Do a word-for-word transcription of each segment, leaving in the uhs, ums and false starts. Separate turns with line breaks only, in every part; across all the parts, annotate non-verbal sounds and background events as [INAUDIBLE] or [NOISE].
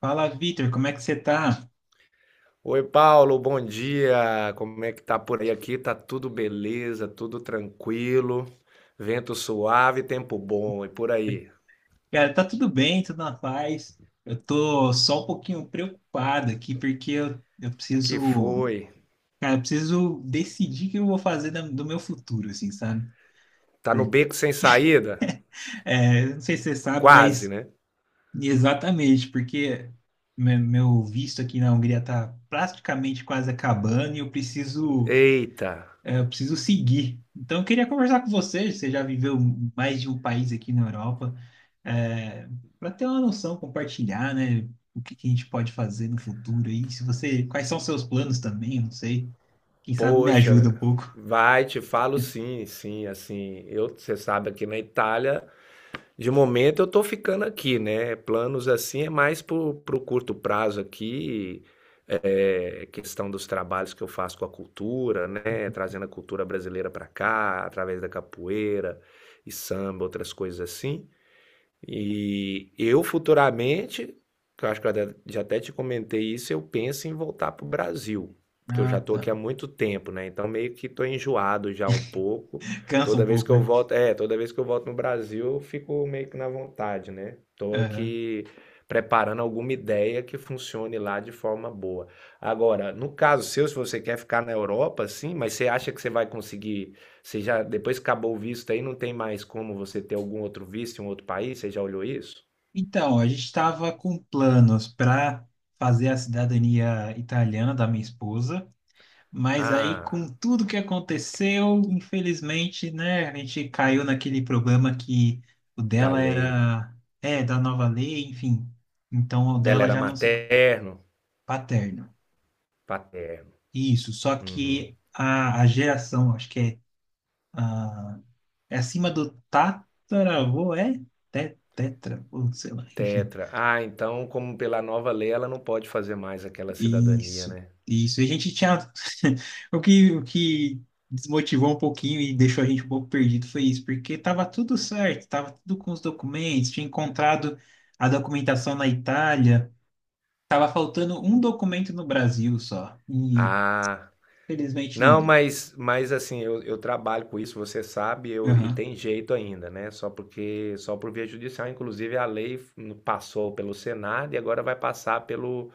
Fala, Vitor, como é que você tá?
Oi, Paulo, bom dia. Como é que tá por aí? Aqui tá tudo beleza, tudo tranquilo, vento suave, tempo bom. E por aí?
Cara, tá tudo bem, tudo na paz. Eu tô só um pouquinho preocupado aqui, porque eu, eu
Que
preciso,
foi?
cara, eu preciso decidir o que eu vou fazer da- do meu futuro, assim, sabe?
Tá no
Por-
beco sem saída?
É, eu não sei se você sabe,
Quase,
mas
né?
exatamente, porque me- meu visto aqui na Hungria tá praticamente quase acabando e eu preciso.
Eita,
É, eu preciso seguir. Então, eu queria conversar com você. Você já viveu mais de um país aqui na Europa, é, para ter uma noção, compartilhar, né? O que que a gente pode fazer no futuro aí? Se você, quais são os seus planos também? Eu não sei. Quem sabe me ajuda
poxa,
um pouco.
vai, te falo sim, sim, assim. Eu, você sabe, aqui na Itália. De momento eu tô ficando aqui, né? Planos assim é mais pro, pro curto prazo aqui, é, questão dos trabalhos que eu faço com a cultura, né? Trazendo a cultura brasileira para cá, através da capoeira e samba, outras coisas assim. E eu futuramente, que eu acho que eu até- já até te comentei isso, eu penso em voltar para o Brasil, porque eu já
Ah,
estou aqui há
tá.
muito tempo, né? Então meio que estou enjoado já um pouco.
Cansa
Toda
um
vez que
pouco,
eu
né?
volto, é, toda vez que eu volto no Brasil, eu fico meio que na vontade, né? Estou
É.
aqui preparando alguma ideia que funcione lá de forma boa. Agora, no caso seu, se você quer ficar na Europa, sim, mas você acha que você vai conseguir, você já, depois que acabou o visto aí, não tem mais como você ter algum outro visto em um outro país? Você já olhou isso?
Então, a gente estava com planos para fazer a cidadania italiana da minha esposa. Mas aí, com
Ah,
tudo que aconteceu, infelizmente, né, a gente caiu naquele problema que o
da
dela
lei.
era, é, da nova lei, enfim. Então, o
Dela
dela
era
já não se.
materno,
Paterno.
paterno.
Isso, só
Uhum.
que a, a geração, acho que é, a, é acima do tataravô, é? Te- tetra, ou sei lá, enfim.
Tetra. Ah, então, como pela nova lei, ela não pode fazer mais aquela cidadania,
Isso,
né?
isso. E a gente tinha. [LAUGHS] O que, o que desmotivou um pouquinho e deixou a gente um pouco perdido foi isso, porque estava tudo certo, estava tudo com os documentos, tinha encontrado a documentação na Itália, estava faltando um documento no Brasil só, e
Ah,
felizmente não
não,
deu.
mas, mas assim, eu, eu trabalho com isso, você sabe, eu, e
Aham.
tem jeito ainda, né? Só porque, só por via judicial, inclusive a lei passou pelo Senado e agora vai passar pelo,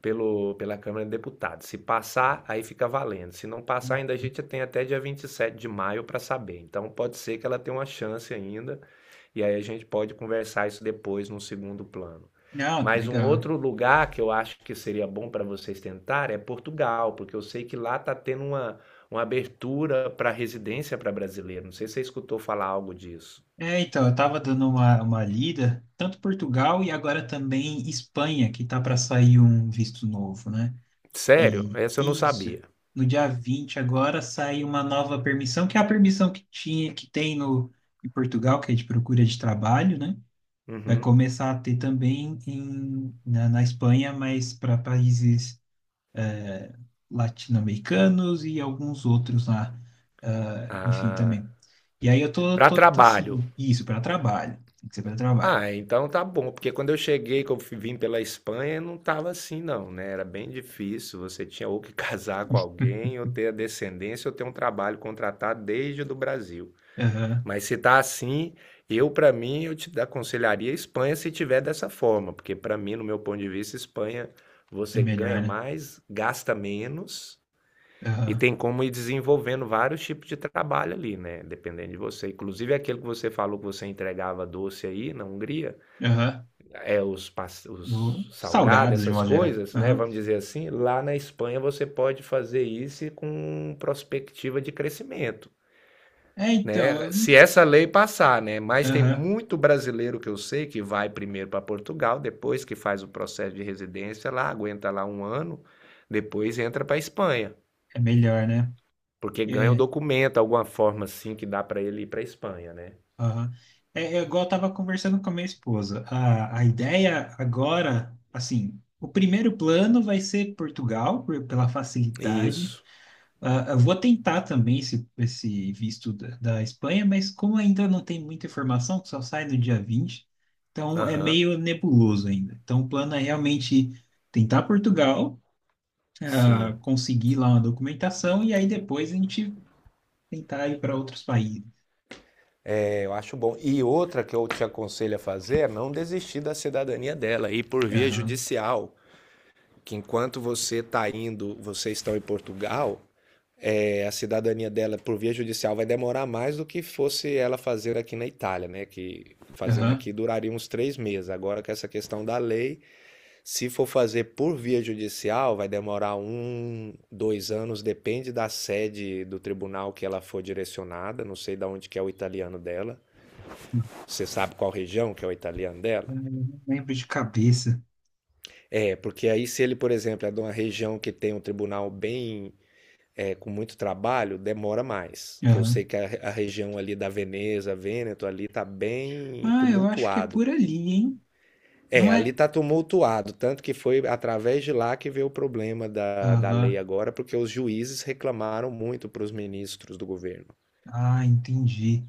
pelo pela Câmara de Deputados. Se passar, aí fica valendo. Se não passar, ainda a gente tem até dia vinte e sete de maio para saber. Então pode ser que ela tenha uma chance ainda, e aí a gente pode conversar isso depois no segundo plano.
Não,
Mas um
legal.
outro lugar que eu acho que seria bom para vocês tentar é Portugal, porque eu sei que lá está tendo uma, uma abertura para residência para brasileiro. Não sei se você escutou falar algo disso.
É, então, eu estava dando uma, uma lida, tanto Portugal e agora também Espanha, que tá para sair um visto novo, né?
Sério?
E
Essa eu não
isso.
sabia.
No dia vinte agora sai uma nova permissão, que é a permissão que tinha, que tem no, em Portugal, que é de procura de trabalho, né? Vai
Uhum.
começar a ter também em, na, na Espanha, mas para países latino-americanos e alguns outros lá, ah, enfim,
Ah,
também. E aí eu tô,
para
tô, tá,
trabalho.
assim, isso, para trabalho. Tem que ser para trabalho.
Ah, então tá bom, porque quando eu cheguei, que eu fi- vim pela Espanha, não tava assim não, né? Era bem difícil, você tinha ou que [LAUGHS] casar com alguém, ou ter a descendência, ou ter um trabalho contratado desde o do Brasil.
Aham,
Mas se tá assim, eu para mim, eu te aconselharia a Espanha se tiver dessa forma, porque para mim, no meu ponto de vista, Espanha
é
você
melhor,
ganha
né?
mais, gasta menos e
Aham,
tem como ir desenvolvendo vários tipos de trabalho ali, né? Dependendo de você. Inclusive aquele que você falou que você entregava doce aí na Hungria,
aham.
é, os,
Vou-
os salgados,
Salgados, de
essas
modo geral.
coisas, né?
Aham.
Vamos dizer assim, lá na Espanha você pode fazer isso com perspectiva de crescimento,
É,
né?
então,
Se essa lei passar, né?
eu-
Mas tem
Aham.
muito brasileiro que eu sei que vai primeiro para Portugal, depois que faz o processo de residência lá, aguenta lá um ano, depois entra para a Espanha,
É melhor, né?
porque ganha um
É,
documento, alguma forma assim que dá para ele ir para a Espanha, né?
aham. É. É igual eu estava conversando com a minha esposa. A, a ideia agora, assim, o primeiro plano vai ser Portugal, por- pela facilidade.
Isso.
Ah, eu vou tentar também esse, esse visto da, da Espanha, mas como ainda não tem muita informação, que só sai no dia vinte, então é
Aham.
meio nebuloso ainda. Então o plano é realmente tentar Portugal, ah,
Sim.
conseguir lá uma documentação e aí depois a gente tentar ir para outros países.
Eu acho bom. E outra que eu te aconselho a fazer é não desistir da cidadania dela, ir por via
Aham.
judicial. Que enquanto você está indo, vocês estão em Portugal, é, a cidadania dela por via judicial vai demorar mais do que fosse ela fazer aqui na Itália, né? Que fazendo
Aham.
aqui duraria uns três meses. Agora com essa questão da lei, se for fazer por via judicial, vai demorar um, dois anos, depende da sede do tribunal que ela for direcionada. Não sei de onde que é o italiano dela, você sabe qual região que é o italiano
Eu
dela?
não lembro de cabeça.
É, porque aí se ele, por exemplo, é de uma região que tem um tribunal bem, é, com muito trabalho, demora mais. Que eu sei
Aham.
que a, a região ali da Veneza, Vêneto, ali tá bem
Ah, eu acho que é
tumultuado.
por ali, hein?
É,
Não
ali
é?
tá tumultuado, tanto que foi através de lá que veio o problema da, da lei
Aham.
agora, porque os juízes reclamaram muito para os ministros do governo.
Ah, entendi.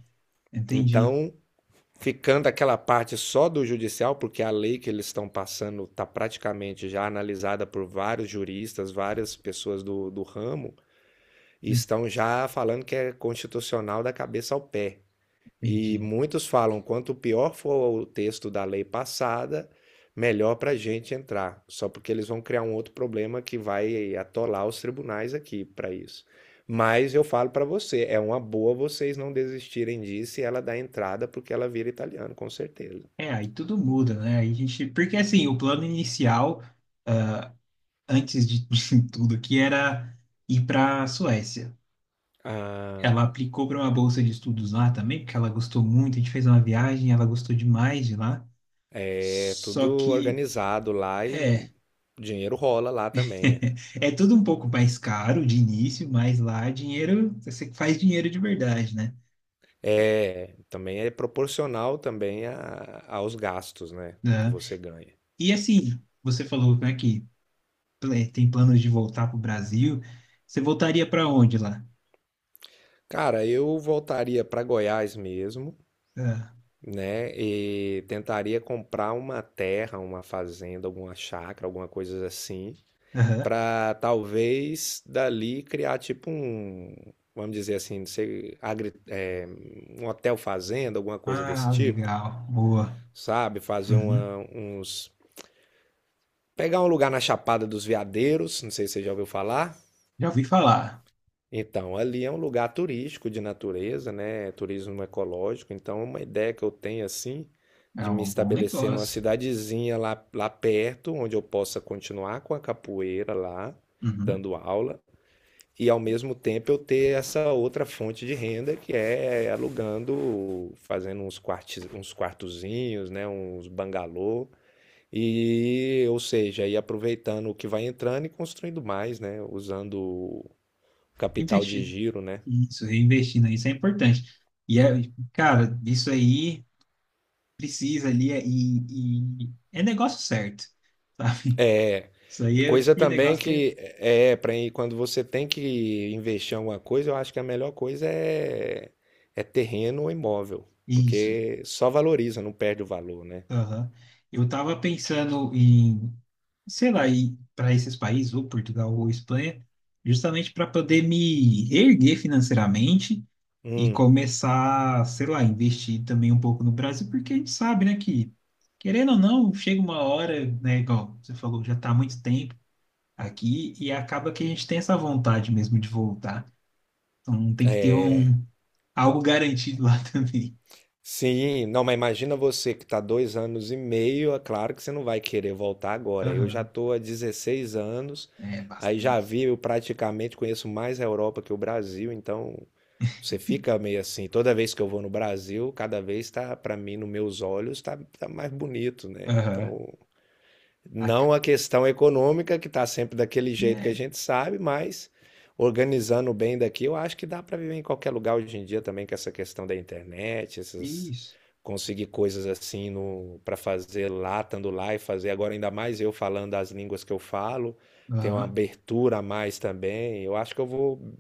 Entendi.
Então, ficando aquela parte só do judicial, porque a lei que eles estão passando está praticamente já analisada por vários juristas, várias pessoas do, do ramo, e estão já falando que é constitucional da cabeça ao pé. E
Entendi.
muitos falam: quanto pior for o texto da lei passada, melhor para a gente entrar. Só porque eles vão criar um outro problema que vai atolar os tribunais aqui para isso. Mas eu falo para você: é uma boa vocês não desistirem disso e ela dá entrada porque ela vira italiano, com certeza.
É, aí tudo muda, né? Aí a gente. Porque assim, o plano inicial, antes de [LAUGHS] tudo aqui, era ir para a Suécia.
Ah,
Ela aplicou para uma bolsa de estudos lá também, porque ela gostou muito. A gente fez uma viagem, ela gostou demais de lá.
é tudo
Só que,
organizado lá e
é,
dinheiro rola lá também, né?
[LAUGHS] É tudo um pouco mais caro de início, mas lá dinheiro, você faz dinheiro de verdade, né?
É, também é proporcional também a- aos gastos, né? O que
Né?
você ganha.
E assim, você falou, né, que pl- é, tem planos de voltar para o Brasil. Você voltaria para onde lá?
Cara, eu voltaria para Goiás mesmo,
Ah,
né? E tentaria comprar uma terra, uma fazenda, alguma chácara, alguma coisa assim,
aham.
para talvez dali criar tipo um, vamos dizer assim, não sei, agri- é, um hotel fazenda, alguma coisa desse
Ah,
tipo,
legal, boa.
sabe? Fazer
Uhum.
uma, uns, pegar um lugar na Chapada dos Veadeiros, não sei se você já ouviu falar.
Já ouvi falar.
Então, ali é um lugar turístico de natureza, né? É turismo ecológico. Então, uma ideia que eu tenho assim
É
de me
um bom
estabelecer numa
negócio.
cidadezinha lá, lá perto, onde eu possa continuar com a capoeira lá,
Uhum.
dando aula, e ao mesmo tempo eu ter essa outra fonte de renda que é alugando, fazendo uns quartos, uns quartozinhos, né? Uns bangalô. E, ou seja, ir aproveitando o que vai entrando e construindo mais, né? Usando o capital de
Investindo.
giro, né?
Isso, reinvestindo, isso é importante. E, é, cara, isso aí precisa ali é- e, e é negócio certo, [LAUGHS] sabe?
É.
Isso aí é o
Coisa
tipo de
também
negócio que é.
que é para quando você tem que investir em alguma coisa, eu acho que a melhor coisa é, é terreno ou imóvel,
Isso.
porque só valoriza, não perde o valor, né?
Aham. Eu tava pensando em, sei lá, ir para esses países, ou Portugal ou Espanha, justamente para poder me erguer financeiramente e
Hum,
começar, sei lá, investir também um pouco no Brasil, porque a gente sabe, né, que querendo ou não, chega uma hora, né, igual você falou, já tá há muito tempo aqui e acaba que a gente tem essa vontade mesmo de voltar. Então tem que ter um algo garantido lá [LAUGHS] também.
sim, não, mas imagina você que está dois anos e meio, é claro que você não vai querer voltar agora. Eu já
Aham.
estou há dezesseis anos,
É
aí já
bastante.
vi, eu praticamente conheço mais a Europa que o Brasil, então você fica meio assim, toda vez que eu vou no Brasil, cada vez tá, para mim, nos meus olhos, tá, tá mais bonito, né?
Aham.
Então,
A-
não a questão econômica, que está sempre daquele jeito que a
É,
gente sabe, mas organizando bem daqui, eu acho que dá para viver em qualquer lugar hoje em dia também com essa questão da internet, essas
isso.
conseguir coisas assim no para fazer lá, estando lá e fazer agora ainda mais eu falando as línguas que eu falo, tem uma
Aham.
abertura a mais também. Eu acho que eu vou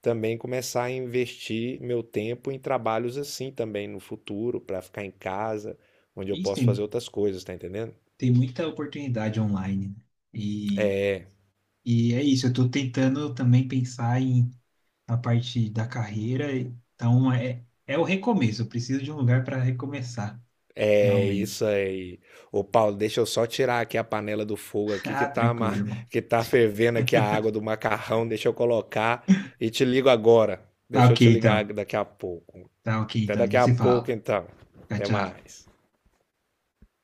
também começar a investir meu tempo em trabalhos assim também no futuro, para ficar em casa, onde eu
Isso,
posso
tem,
fazer outras coisas, tá entendendo?
tem muita oportunidade online, né? E, e é isso, eu estou tentando também pensar em a parte da carreira, então é, é o recomeço, eu preciso de um lugar para recomeçar,
É isso
realmente.
aí. Ô Paulo, deixa eu só tirar aqui a panela do fogo
[LAUGHS]
aqui que
Ah,
tá,
tranquilo,
ma- [LAUGHS]
irmão.
que tá fervendo aqui a água do macarrão. Deixa eu colocar e te ligo agora.
Tá
Deixa eu
ok,
te ligar
então.
daqui a pouco.
Tá ok,
Até
então. A
daqui
gente
a
se
pouco,
fala.
então.
Tchau,
Até
tchau.
mais.